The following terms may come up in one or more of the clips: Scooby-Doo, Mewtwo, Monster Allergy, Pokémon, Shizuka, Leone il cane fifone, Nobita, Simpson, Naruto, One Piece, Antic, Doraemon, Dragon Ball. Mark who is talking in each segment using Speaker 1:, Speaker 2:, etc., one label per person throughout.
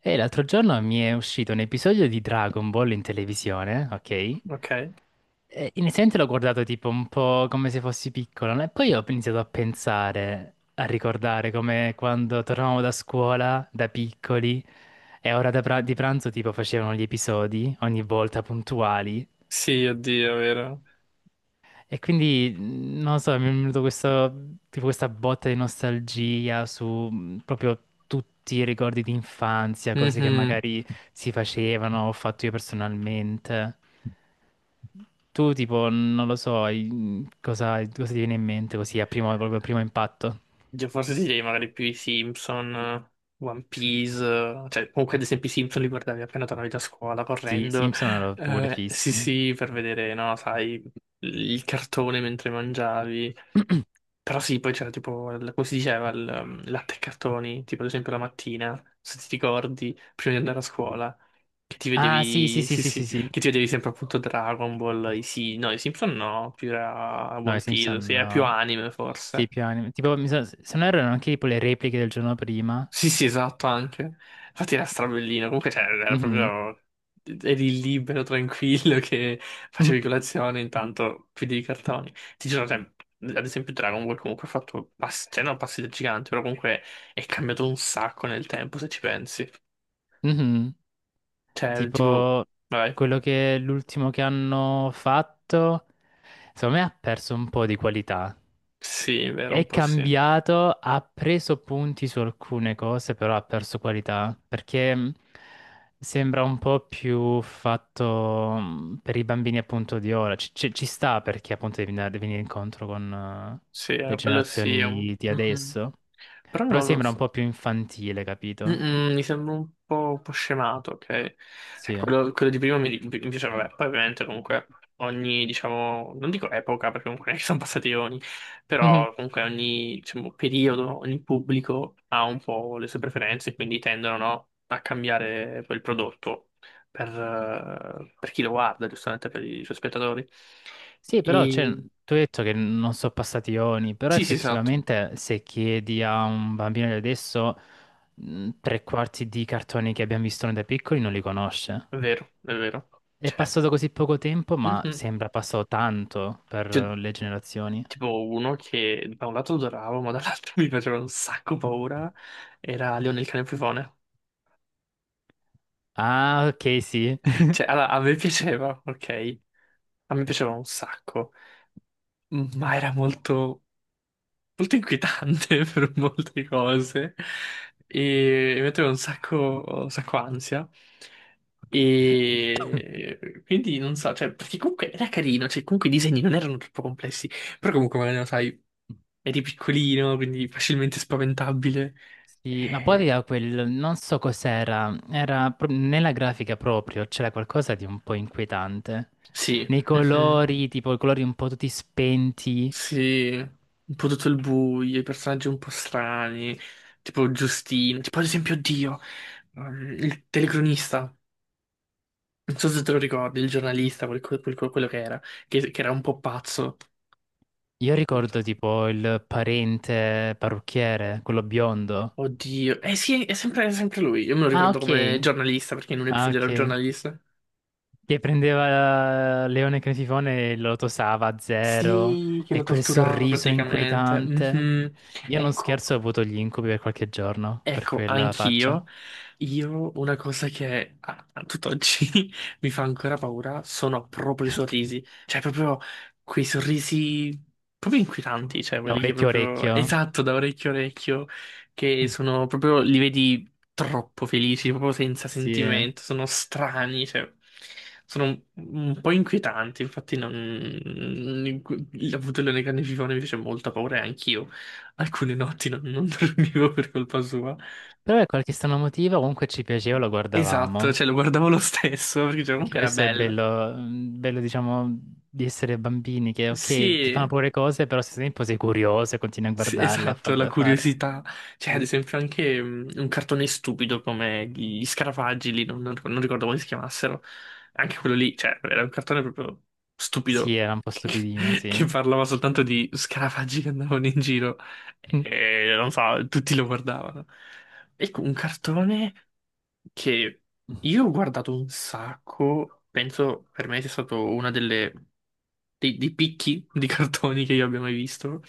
Speaker 1: E l'altro giorno mi è uscito un episodio di Dragon Ball in televisione, ok?
Speaker 2: Ok.
Speaker 1: E inizialmente l'ho guardato tipo un po' come se fossi piccolo, no? E poi ho iniziato a pensare, a ricordare come quando tornavamo da scuola, da piccoli, e a ora di pranzo tipo facevano gli episodi, ogni volta puntuali.
Speaker 2: Sì, oddio, è vero.
Speaker 1: E quindi, non lo so, mi è venuto questo, tipo questa botta di nostalgia su proprio tutti i ricordi di infanzia, cose che
Speaker 2: Mhm.
Speaker 1: magari si facevano, ho fatto io personalmente. Tu, tipo, non lo so, cosa, cosa ti viene in mente così a primo, proprio a primo impatto?
Speaker 2: Io forse ti direi magari più i Simpson, One Piece, cioè comunque ad esempio i Simpson li guardavi appena tornavi da scuola
Speaker 1: Sì, i
Speaker 2: correndo.
Speaker 1: Simpson erano pure
Speaker 2: Sì,
Speaker 1: fissi.
Speaker 2: sì, per vedere, no, sai, il cartone mentre mangiavi. Però sì, poi c'era tipo, come si diceva, il latte e cartoni, tipo ad esempio la mattina, se ti ricordi, prima di andare a scuola. Che ti
Speaker 1: Ah, sì, sì,
Speaker 2: vedevi,
Speaker 1: sì,
Speaker 2: sì,
Speaker 1: sì,
Speaker 2: sì,
Speaker 1: sì, sì.
Speaker 2: che ti vedevi sempre appunto Dragon Ball, i sì, no, i Simpson no, più era
Speaker 1: No, i
Speaker 2: One Piece,
Speaker 1: Simpson,
Speaker 2: sì, era più
Speaker 1: no.
Speaker 2: anime forse.
Speaker 1: Sì, più anime. Tipo, se non erro, erano anche tipo le repliche del giorno prima.
Speaker 2: Sì, sì, esatto, anche. Infatti era strabellino, comunque cioè, era
Speaker 1: Mhm.
Speaker 2: proprio, eri libero, tranquillo, che
Speaker 1: Mhm.
Speaker 2: facevi colazione, intanto chiudevi i cartoni. Ti giuro, cioè, ad esempio Dragon Ball comunque ha fatto passi, cioè non passi da gigante, però comunque è cambiato un sacco nel tempo, se ci pensi.
Speaker 1: Mhm.
Speaker 2: Cioè, tipo,
Speaker 1: Tipo
Speaker 2: vai,
Speaker 1: quello che l'ultimo che hanno fatto, secondo me ha perso un po' di qualità.
Speaker 2: sì, è vero, un
Speaker 1: È
Speaker 2: po' sì.
Speaker 1: cambiato, ha preso punti su alcune cose, però ha perso qualità, perché sembra un po' più fatto per i bambini appunto di ora. Ci sta perché appunto devi venire incontro con
Speaker 2: Sì,
Speaker 1: le
Speaker 2: quello sì, è un-
Speaker 1: generazioni di
Speaker 2: Mhm.
Speaker 1: adesso,
Speaker 2: Però
Speaker 1: però
Speaker 2: non lo
Speaker 1: sembra un
Speaker 2: so.
Speaker 1: po' più infantile, capito?
Speaker 2: Mm-mm, mi sembra un po' scemato, ok? Cioè,
Speaker 1: Sì.
Speaker 2: quello di prima mi piaceva, vabbè, poi ovviamente comunque ogni, diciamo, non dico epoca, perché comunque non è che sono passati eoni, però comunque ogni, diciamo, periodo, ogni pubblico ha un po' le sue preferenze, quindi tendono, no, a cambiare quel prodotto per chi lo guarda, giustamente per i suoi spettatori.
Speaker 1: Sì, però cioè,
Speaker 2: E...
Speaker 1: tu hai detto che non sono passati ioni, però
Speaker 2: Sì, sì, esatto,
Speaker 1: effettivamente se chiedi a un bambino di adesso, tre quarti di cartoni che abbiamo visto noi da piccoli non li conosce.
Speaker 2: è vero, è vero.
Speaker 1: È
Speaker 2: Cioè,
Speaker 1: passato così poco tempo, ma
Speaker 2: Mhm.
Speaker 1: sembra passato tanto per
Speaker 2: Cioè,
Speaker 1: le generazioni.
Speaker 2: tipo uno che da un lato adoravo, ma dall'altro mi faceva un sacco paura, era Leone il cane fifone.
Speaker 1: Ah, ok, sì.
Speaker 2: Cioè, allora, a me piaceva, ok? A me piaceva un sacco, ma era molto molto inquietante per molte cose e mi metteva un sacco ansia. E quindi non so, cioè, perché comunque era carino, cioè, comunque i disegni non erano troppo complessi, però comunque magari lo sai, eri piccolino, quindi facilmente spaventabile.
Speaker 1: Sì, ma poi
Speaker 2: E...
Speaker 1: aveva quel, non so cos'era, nella grafica proprio, c'era qualcosa di un po' inquietante.
Speaker 2: Sì,
Speaker 1: Nei
Speaker 2: mhm,
Speaker 1: colori, tipo i colori un po' tutti spenti.
Speaker 2: sì, un po' tutto il buio, i personaggi un po' strani, tipo Giustino, tipo ad esempio Dio, il telecronista. Non so se te lo ricordi, il giornalista, quello che era, che era un po' pazzo.
Speaker 1: Io ricordo tipo il parente parrucchiere, quello biondo.
Speaker 2: Oddio. Eh sì, è sempre lui. Io me lo
Speaker 1: Ah,
Speaker 2: ricordo come
Speaker 1: ok.
Speaker 2: giornalista, perché in un
Speaker 1: Ah,
Speaker 2: episodio era un
Speaker 1: ok.
Speaker 2: giornalista.
Speaker 1: Che prendeva Leone Cretifone e lo tosava a zero.
Speaker 2: Sì, che lo
Speaker 1: E quel
Speaker 2: torturava
Speaker 1: sorriso
Speaker 2: praticamente.
Speaker 1: inquietante.
Speaker 2: Mhm.
Speaker 1: Io non
Speaker 2: Ecco,
Speaker 1: scherzo, ho avuto gli incubi per qualche giorno, per
Speaker 2: ecco,
Speaker 1: quella faccia.
Speaker 2: anch'io, io una cosa che a tutt'oggi mi fa ancora paura sono proprio i sorrisi, cioè proprio quei sorrisi proprio inquietanti, cioè quelli che
Speaker 1: Orecchio,
Speaker 2: proprio,
Speaker 1: orecchio.
Speaker 2: esatto, da orecchio a orecchio, che sono proprio, li vedi troppo felici, proprio senza
Speaker 1: Sì. Però
Speaker 2: sentimento, sono strani, cioè sono un po' inquietanti, infatti non, avuto il leone carnivoro mi fece molta paura e anch'io alcune notti non dormivo per colpa sua.
Speaker 1: per qualche strano motivo comunque ci piaceva, lo
Speaker 2: Esatto,
Speaker 1: guardavamo.
Speaker 2: cioè lo guardavo lo stesso perché cioè,
Speaker 1: Anche
Speaker 2: comunque era
Speaker 1: questo è
Speaker 2: bello.
Speaker 1: bello, bello diciamo di essere bambini che ok ti
Speaker 2: Sì,
Speaker 1: fanno paura le cose però se stesso tempo sei curioso e continui a
Speaker 2: sì,
Speaker 1: guardarle,
Speaker 2: esatto, la
Speaker 1: a fare.
Speaker 2: curiosità. Cioè, ad
Speaker 1: Sì,
Speaker 2: esempio, anche un cartone stupido come gli Scarafaggi lì, non, non ricordo come si chiamassero. Anche quello lì, cioè, era un cartone proprio
Speaker 1: sì,
Speaker 2: stupido
Speaker 1: era un po' stupidino,
Speaker 2: che
Speaker 1: sì.
Speaker 2: parlava soltanto di scarafaggi che andavano in giro
Speaker 1: Mm.
Speaker 2: e non so, tutti lo guardavano. Ecco, un cartone che io ho guardato un sacco, penso per me sia stato una delle dei picchi di cartoni che io abbia mai visto.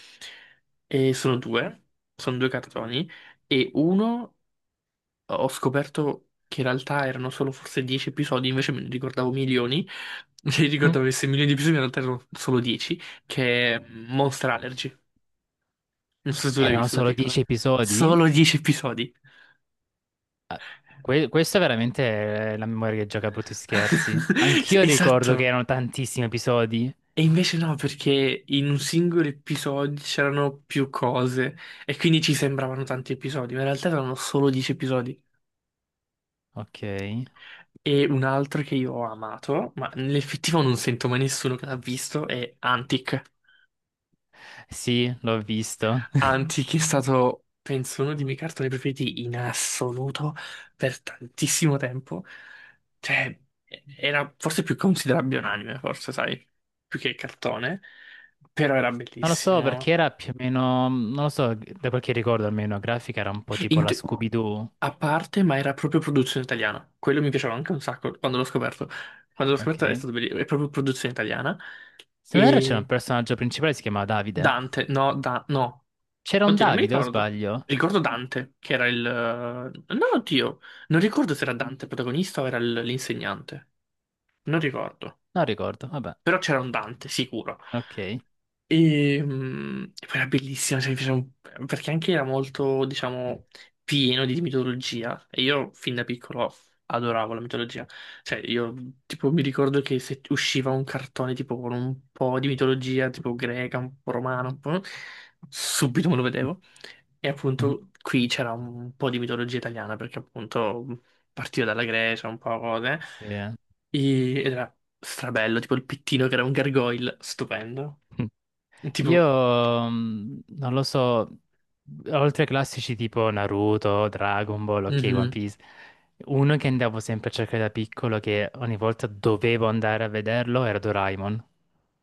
Speaker 2: E sono due cartoni. E uno ho scoperto che in realtà erano solo forse 10 episodi, invece me ne ricordavo milioni. Mi
Speaker 1: Mm.
Speaker 2: ricordavo che se milioni di episodi, in realtà erano solo 10, che è Monster Allergy. Non so se tu l'hai
Speaker 1: Erano
Speaker 2: visto da
Speaker 1: solo
Speaker 2: piccola.
Speaker 1: 10 episodi?
Speaker 2: Solo 10 episodi.
Speaker 1: Questa è veramente è la memoria che gioca a brutti scherzi. Anch'io ricordo che
Speaker 2: Esatto.
Speaker 1: erano tantissimi episodi.
Speaker 2: E invece no, perché in un singolo episodio c'erano più cose e quindi ci sembravano tanti episodi, ma in realtà erano solo 10 episodi.
Speaker 1: Ok,
Speaker 2: E un altro che io ho amato, ma nell'effettivo non sento mai nessuno che l'ha visto, è Antic.
Speaker 1: sì, l'ho visto.
Speaker 2: Antic è stato, penso, uno dei miei cartoni preferiti in assoluto per tantissimo tempo. Cioè, era forse più considerabile un anime, forse, sai, più che cartone, però era
Speaker 1: Non lo so
Speaker 2: bellissimo.
Speaker 1: perché era più o meno, non lo so, da quel che ricordo almeno, la grafica era un po' tipo
Speaker 2: In
Speaker 1: la
Speaker 2: te-
Speaker 1: Scooby-Doo,
Speaker 2: A parte, ma era proprio produzione italiana. Quello mi piaceva anche un sacco quando l'ho scoperto. Quando l'ho
Speaker 1: ok?
Speaker 2: scoperto è stato bellissimo. È proprio produzione italiana.
Speaker 1: Se non erro c'era un
Speaker 2: E
Speaker 1: personaggio principale, che si chiamava Davide.
Speaker 2: Dante, no, da... no.
Speaker 1: C'era un
Speaker 2: Oddio, non mi
Speaker 1: Davide o
Speaker 2: ricordo.
Speaker 1: sbaglio?
Speaker 2: Ricordo Dante, che era il... No, oddio. Non ricordo se era Dante il protagonista o era l'insegnante. Non ricordo.
Speaker 1: Non ricordo, vabbè,
Speaker 2: Però c'era un Dante, sicuro.
Speaker 1: ok.
Speaker 2: E poi era bellissima, cioè, mi piaceva un- perché anche era molto, diciamo, pieno di mitologia. E io fin da piccolo adoravo la mitologia. Cioè, io tipo mi ricordo che se usciva un cartone tipo con un po' di mitologia, tipo greca, un po' romana, un po', subito me lo vedevo. E appunto qui c'era un po' di mitologia italiana, perché appunto partiva dalla Grecia, un po' cose.
Speaker 1: Sì, eh.
Speaker 2: Ed era strabello, tipo il pittino che era un gargoyle, stupendo.
Speaker 1: Io,
Speaker 2: Tipo,
Speaker 1: non lo so, oltre ai classici tipo Naruto, Dragon Ball, ok, One
Speaker 2: mhm.
Speaker 1: Piece, uno che andavo sempre a cercare da piccolo, che ogni volta dovevo andare a vederlo, era Doraemon.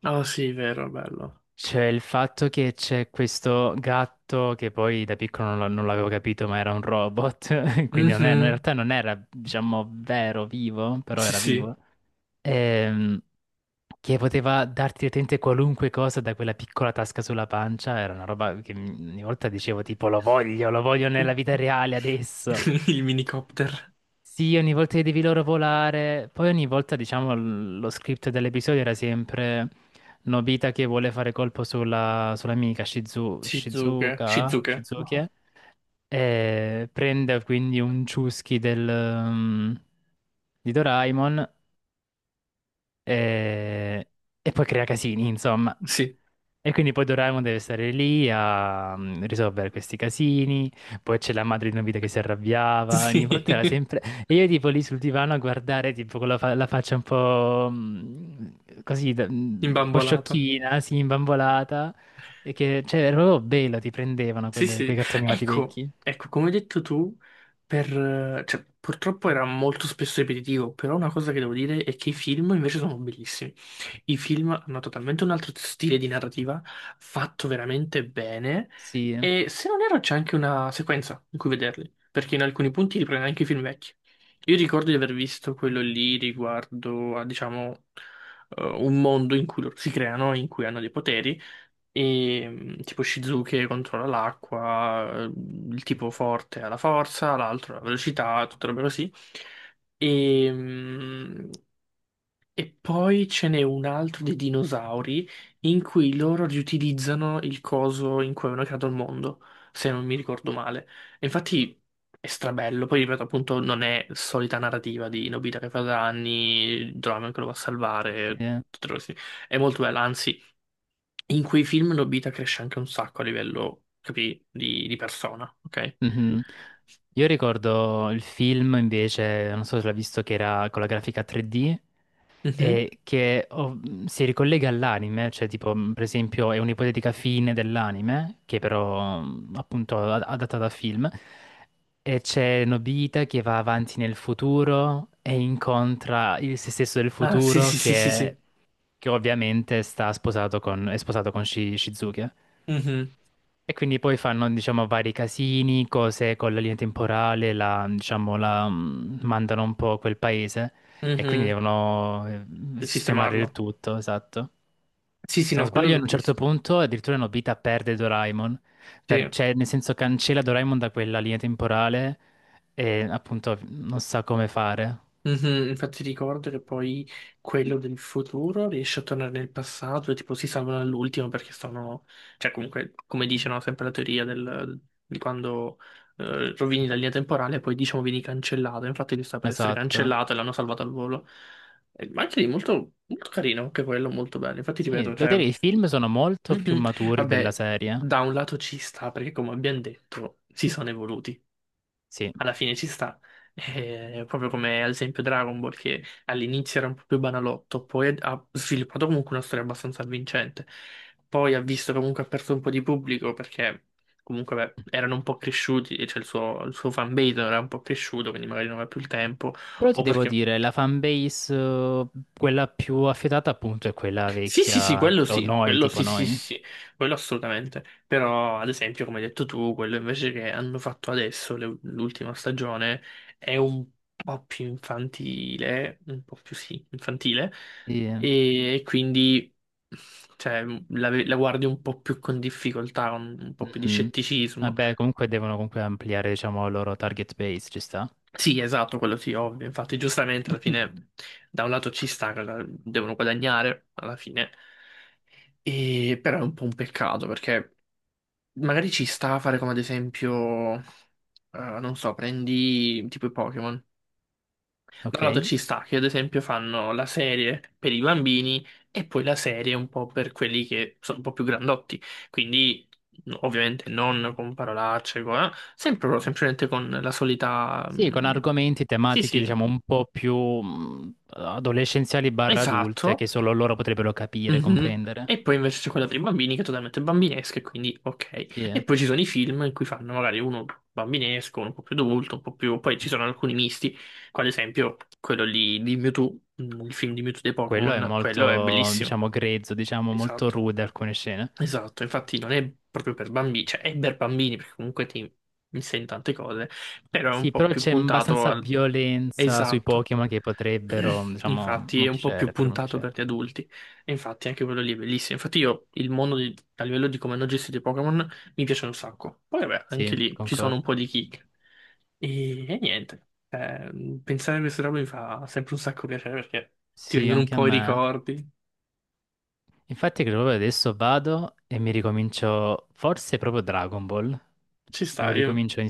Speaker 2: Oh sì, vero, bello.
Speaker 1: Cioè, il fatto che c'è questo gatto che poi da piccolo non l'avevo capito, ma era un robot, quindi non è- no, in
Speaker 2: Mhm.
Speaker 1: realtà non era, diciamo, vero, vivo, però
Speaker 2: Sì,
Speaker 1: era
Speaker 2: sì.
Speaker 1: vivo, ehm, che poteva darti letteralmente qualunque cosa da quella piccola tasca sulla pancia, era una roba che ogni volta dicevo tipo lo voglio nella vita reale adesso.
Speaker 2: Il minicopter.
Speaker 1: Sì, ogni volta che devi loro volare, poi ogni volta, diciamo, lo script dell'episodio era sempre Nobita che vuole fare colpo sulla, sull'amica Shizu,
Speaker 2: Shizuke.
Speaker 1: Shizuka,
Speaker 2: Shizuke.
Speaker 1: Shizuki,
Speaker 2: No.
Speaker 1: e prende quindi un ciuschi del, di Doraemon e, e poi crea casini, insomma.
Speaker 2: Sì,
Speaker 1: E quindi poi Doraemon deve stare lì a risolvere questi casini, poi c'è la madre di Nobita che si arrabbiava, ogni
Speaker 2: sì.
Speaker 1: volta era sempre... E io tipo lì sul divano a guardare tipo con la faccia un po' così, un po'
Speaker 2: Imbambolata.
Speaker 1: sciocchina, sì, imbambolata, e che cioè, era proprio bello, ti prendevano
Speaker 2: Sì,
Speaker 1: quei
Speaker 2: sì,
Speaker 1: cartoni animati
Speaker 2: ecco,
Speaker 1: vecchi.
Speaker 2: ecco, come hai detto tu, per, cioè, purtroppo era molto spesso ripetitivo, però una cosa che devo dire è che i film invece sono bellissimi. I film hanno totalmente un altro stile di narrativa, fatto veramente bene,
Speaker 1: Sì, eh.
Speaker 2: e se non erro c'è anche una sequenza in cui vederli, perché in alcuni punti riprende anche i film vecchi. Io ricordo di aver visto quello lì riguardo a, diciamo, un mondo in cui loro si creano, in cui hanno dei poteri. E tipo Shizuke controlla l'acqua, il tipo forte ha la forza, l'altro ha la velocità, tutte robe così. E, mm, e poi ce n'è un altro dei dinosauri in cui loro riutilizzano il coso in cui avevano creato il mondo, se non mi ricordo male. E infatti è strabello, poi ripeto appunto non è solita narrativa di Nobita che fa danni, Doraemon che lo va a
Speaker 1: Sì,
Speaker 2: salvare,
Speaker 1: eh.
Speaker 2: tutte le cose. È molto bella, anzi in quei film Nobita cresce anche un sacco a livello, capì, di persona, ok?
Speaker 1: Mhm. Io ricordo il film invece, non so se l'ha visto, che era con la grafica 3D
Speaker 2: Mhm.
Speaker 1: e che oh, si ricollega all'anime, cioè tipo per esempio è un'ipotetica fine dell'anime, che però appunto adatta da film, e c'è Nobita che va avanti nel futuro e incontra il se stesso del
Speaker 2: Ah sì
Speaker 1: futuro
Speaker 2: sì sì sì sì.
Speaker 1: che ovviamente sta sposato con, è sposato con Shizuke.
Speaker 2: Mhm.
Speaker 1: E quindi poi fanno, diciamo, vari casini, cose con la linea temporale, la, diciamo, la mandano un po' a quel paese e quindi
Speaker 2: Mhm.
Speaker 1: devono sistemare il
Speaker 2: Sistemarlo.
Speaker 1: tutto, esatto.
Speaker 2: Sì, sì,
Speaker 1: Se non
Speaker 2: no, quello
Speaker 1: sbaglio,
Speaker 2: l'ho
Speaker 1: ad un certo
Speaker 2: visto.
Speaker 1: punto addirittura Nobita perde Doraemon,
Speaker 2: Sì.
Speaker 1: cioè nel senso cancella Doraemon da quella linea temporale e appunto non sa come fare.
Speaker 2: Mhm, infatti ricordo che poi quello del futuro riesce a tornare nel passato e tipo si salvano all'ultimo perché sono... Cioè comunque, come dice, no, sempre la teoria del... di quando rovini la linea temporale e poi diciamo vieni cancellato. Infatti lui sta per essere
Speaker 1: Esatto.
Speaker 2: cancellato e l'hanno salvato al volo. Ma anche lì molto, molto carino, anche quello molto bello. Infatti
Speaker 1: Sì,
Speaker 2: ripeto,
Speaker 1: devo
Speaker 2: cioè...
Speaker 1: dire, i film sono molto più
Speaker 2: mhm,
Speaker 1: maturi della
Speaker 2: vabbè,
Speaker 1: serie.
Speaker 2: da un lato ci sta perché come abbiamo detto si sono evoluti.
Speaker 1: Sì.
Speaker 2: Alla fine ci sta. Proprio come ad esempio Dragon Ball, che all'inizio era un po' più banalotto, poi ha sviluppato comunque una storia abbastanza avvincente. Poi ha visto che comunque ha perso un po' di pubblico perché comunque beh, erano un po' cresciuti, cioè il suo fanbase era un po' cresciuto, quindi magari non aveva più il tempo,
Speaker 1: Però ti
Speaker 2: o
Speaker 1: devo
Speaker 2: perché
Speaker 1: dire, la fanbase, quella più affidata appunto è quella
Speaker 2: sì, sì, sì,
Speaker 1: vecchia,
Speaker 2: quello
Speaker 1: o
Speaker 2: sì,
Speaker 1: noi,
Speaker 2: quello
Speaker 1: tipo
Speaker 2: sì, sì, sì,
Speaker 1: noi.
Speaker 2: sì, quello assolutamente. Però, ad esempio, come hai detto tu, quello invece che hanno fatto adesso, l'ultima stagione, è un po' più infantile, un po' più sì, infantile,
Speaker 1: Sì, eh.
Speaker 2: e quindi, cioè, la guardi un po' più con difficoltà, un po' più di
Speaker 1: Mhm.
Speaker 2: scetticismo.
Speaker 1: Vabbè, comunque devono comunque ampliare, diciamo, il loro target base, ci sta.
Speaker 2: Sì, esatto, quello sì, ovvio. Infatti, giustamente, alla fine, da un lato ci sta, che devono guadagnare, alla fine. Però è un po' un peccato perché magari ci sta a fare come ad esempio, non so, prendi tipo i Pokémon. Da un lato
Speaker 1: Ok.
Speaker 2: ci sta che ad esempio fanno la serie per i bambini e poi la serie un po' per quelli che sono un po' più grandotti. Quindi no, ovviamente non con parolacce, sempre però semplicemente con la solita...
Speaker 1: Sì, con argomenti
Speaker 2: Sì,
Speaker 1: tematiche,
Speaker 2: sì,
Speaker 1: diciamo, un po' più adolescenziali barra adulte,
Speaker 2: esatto.
Speaker 1: che solo loro potrebbero capire,
Speaker 2: Mhm.
Speaker 1: comprendere.
Speaker 2: E poi invece c'è quella per i bambini che è totalmente bambinesca, e quindi
Speaker 1: Sì,
Speaker 2: ok.
Speaker 1: eh.
Speaker 2: E poi ci sono i film in cui fanno magari uno bambinesco, uno un po' più adulto, un po' più... Poi ci sono alcuni misti, come ad esempio quello lì di Mewtwo, il film di Mewtwo dei
Speaker 1: Quello è
Speaker 2: Pokémon, quello è
Speaker 1: molto,
Speaker 2: bellissimo.
Speaker 1: diciamo, grezzo, diciamo, molto
Speaker 2: Esatto.
Speaker 1: rude alcune scene.
Speaker 2: Esatto, infatti non è proprio per bambini, cioè è per bambini perché comunque ti insegna tante cose, però è un
Speaker 1: Sì,
Speaker 2: po'
Speaker 1: però
Speaker 2: più
Speaker 1: c'è
Speaker 2: puntato
Speaker 1: abbastanza
Speaker 2: al...
Speaker 1: violenza sui
Speaker 2: Esatto,
Speaker 1: Pokémon che potrebbero, diciamo,
Speaker 2: infatti è
Speaker 1: non
Speaker 2: un po' più
Speaker 1: piacere, però non
Speaker 2: puntato
Speaker 1: piacere.
Speaker 2: per gli adulti, e infatti anche quello lì è bellissimo, infatti io il mondo a livello di come hanno gestito i Pokémon mi piace un sacco, poi vabbè anche
Speaker 1: Sì,
Speaker 2: lì ci sono un
Speaker 1: concordo.
Speaker 2: po' di kick e niente, eh, pensare a queste robe mi fa sempre un sacco piacere perché ti
Speaker 1: Sì,
Speaker 2: vengono un
Speaker 1: anche a
Speaker 2: po' i
Speaker 1: me.
Speaker 2: ricordi,
Speaker 1: Infatti, credo proprio adesso vado e mi ricomincio, forse proprio Dragon Ball.
Speaker 2: ci
Speaker 1: Me lo
Speaker 2: sta, io
Speaker 1: ricomincio in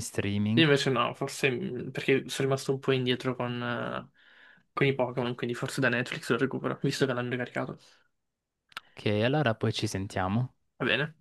Speaker 2: Io
Speaker 1: streaming.
Speaker 2: invece no, forse perché sono rimasto un po' indietro con i Pokémon, quindi forse da Netflix lo recupero, visto che l'hanno ricaricato.
Speaker 1: Ok, allora poi ci sentiamo.
Speaker 2: Va bene.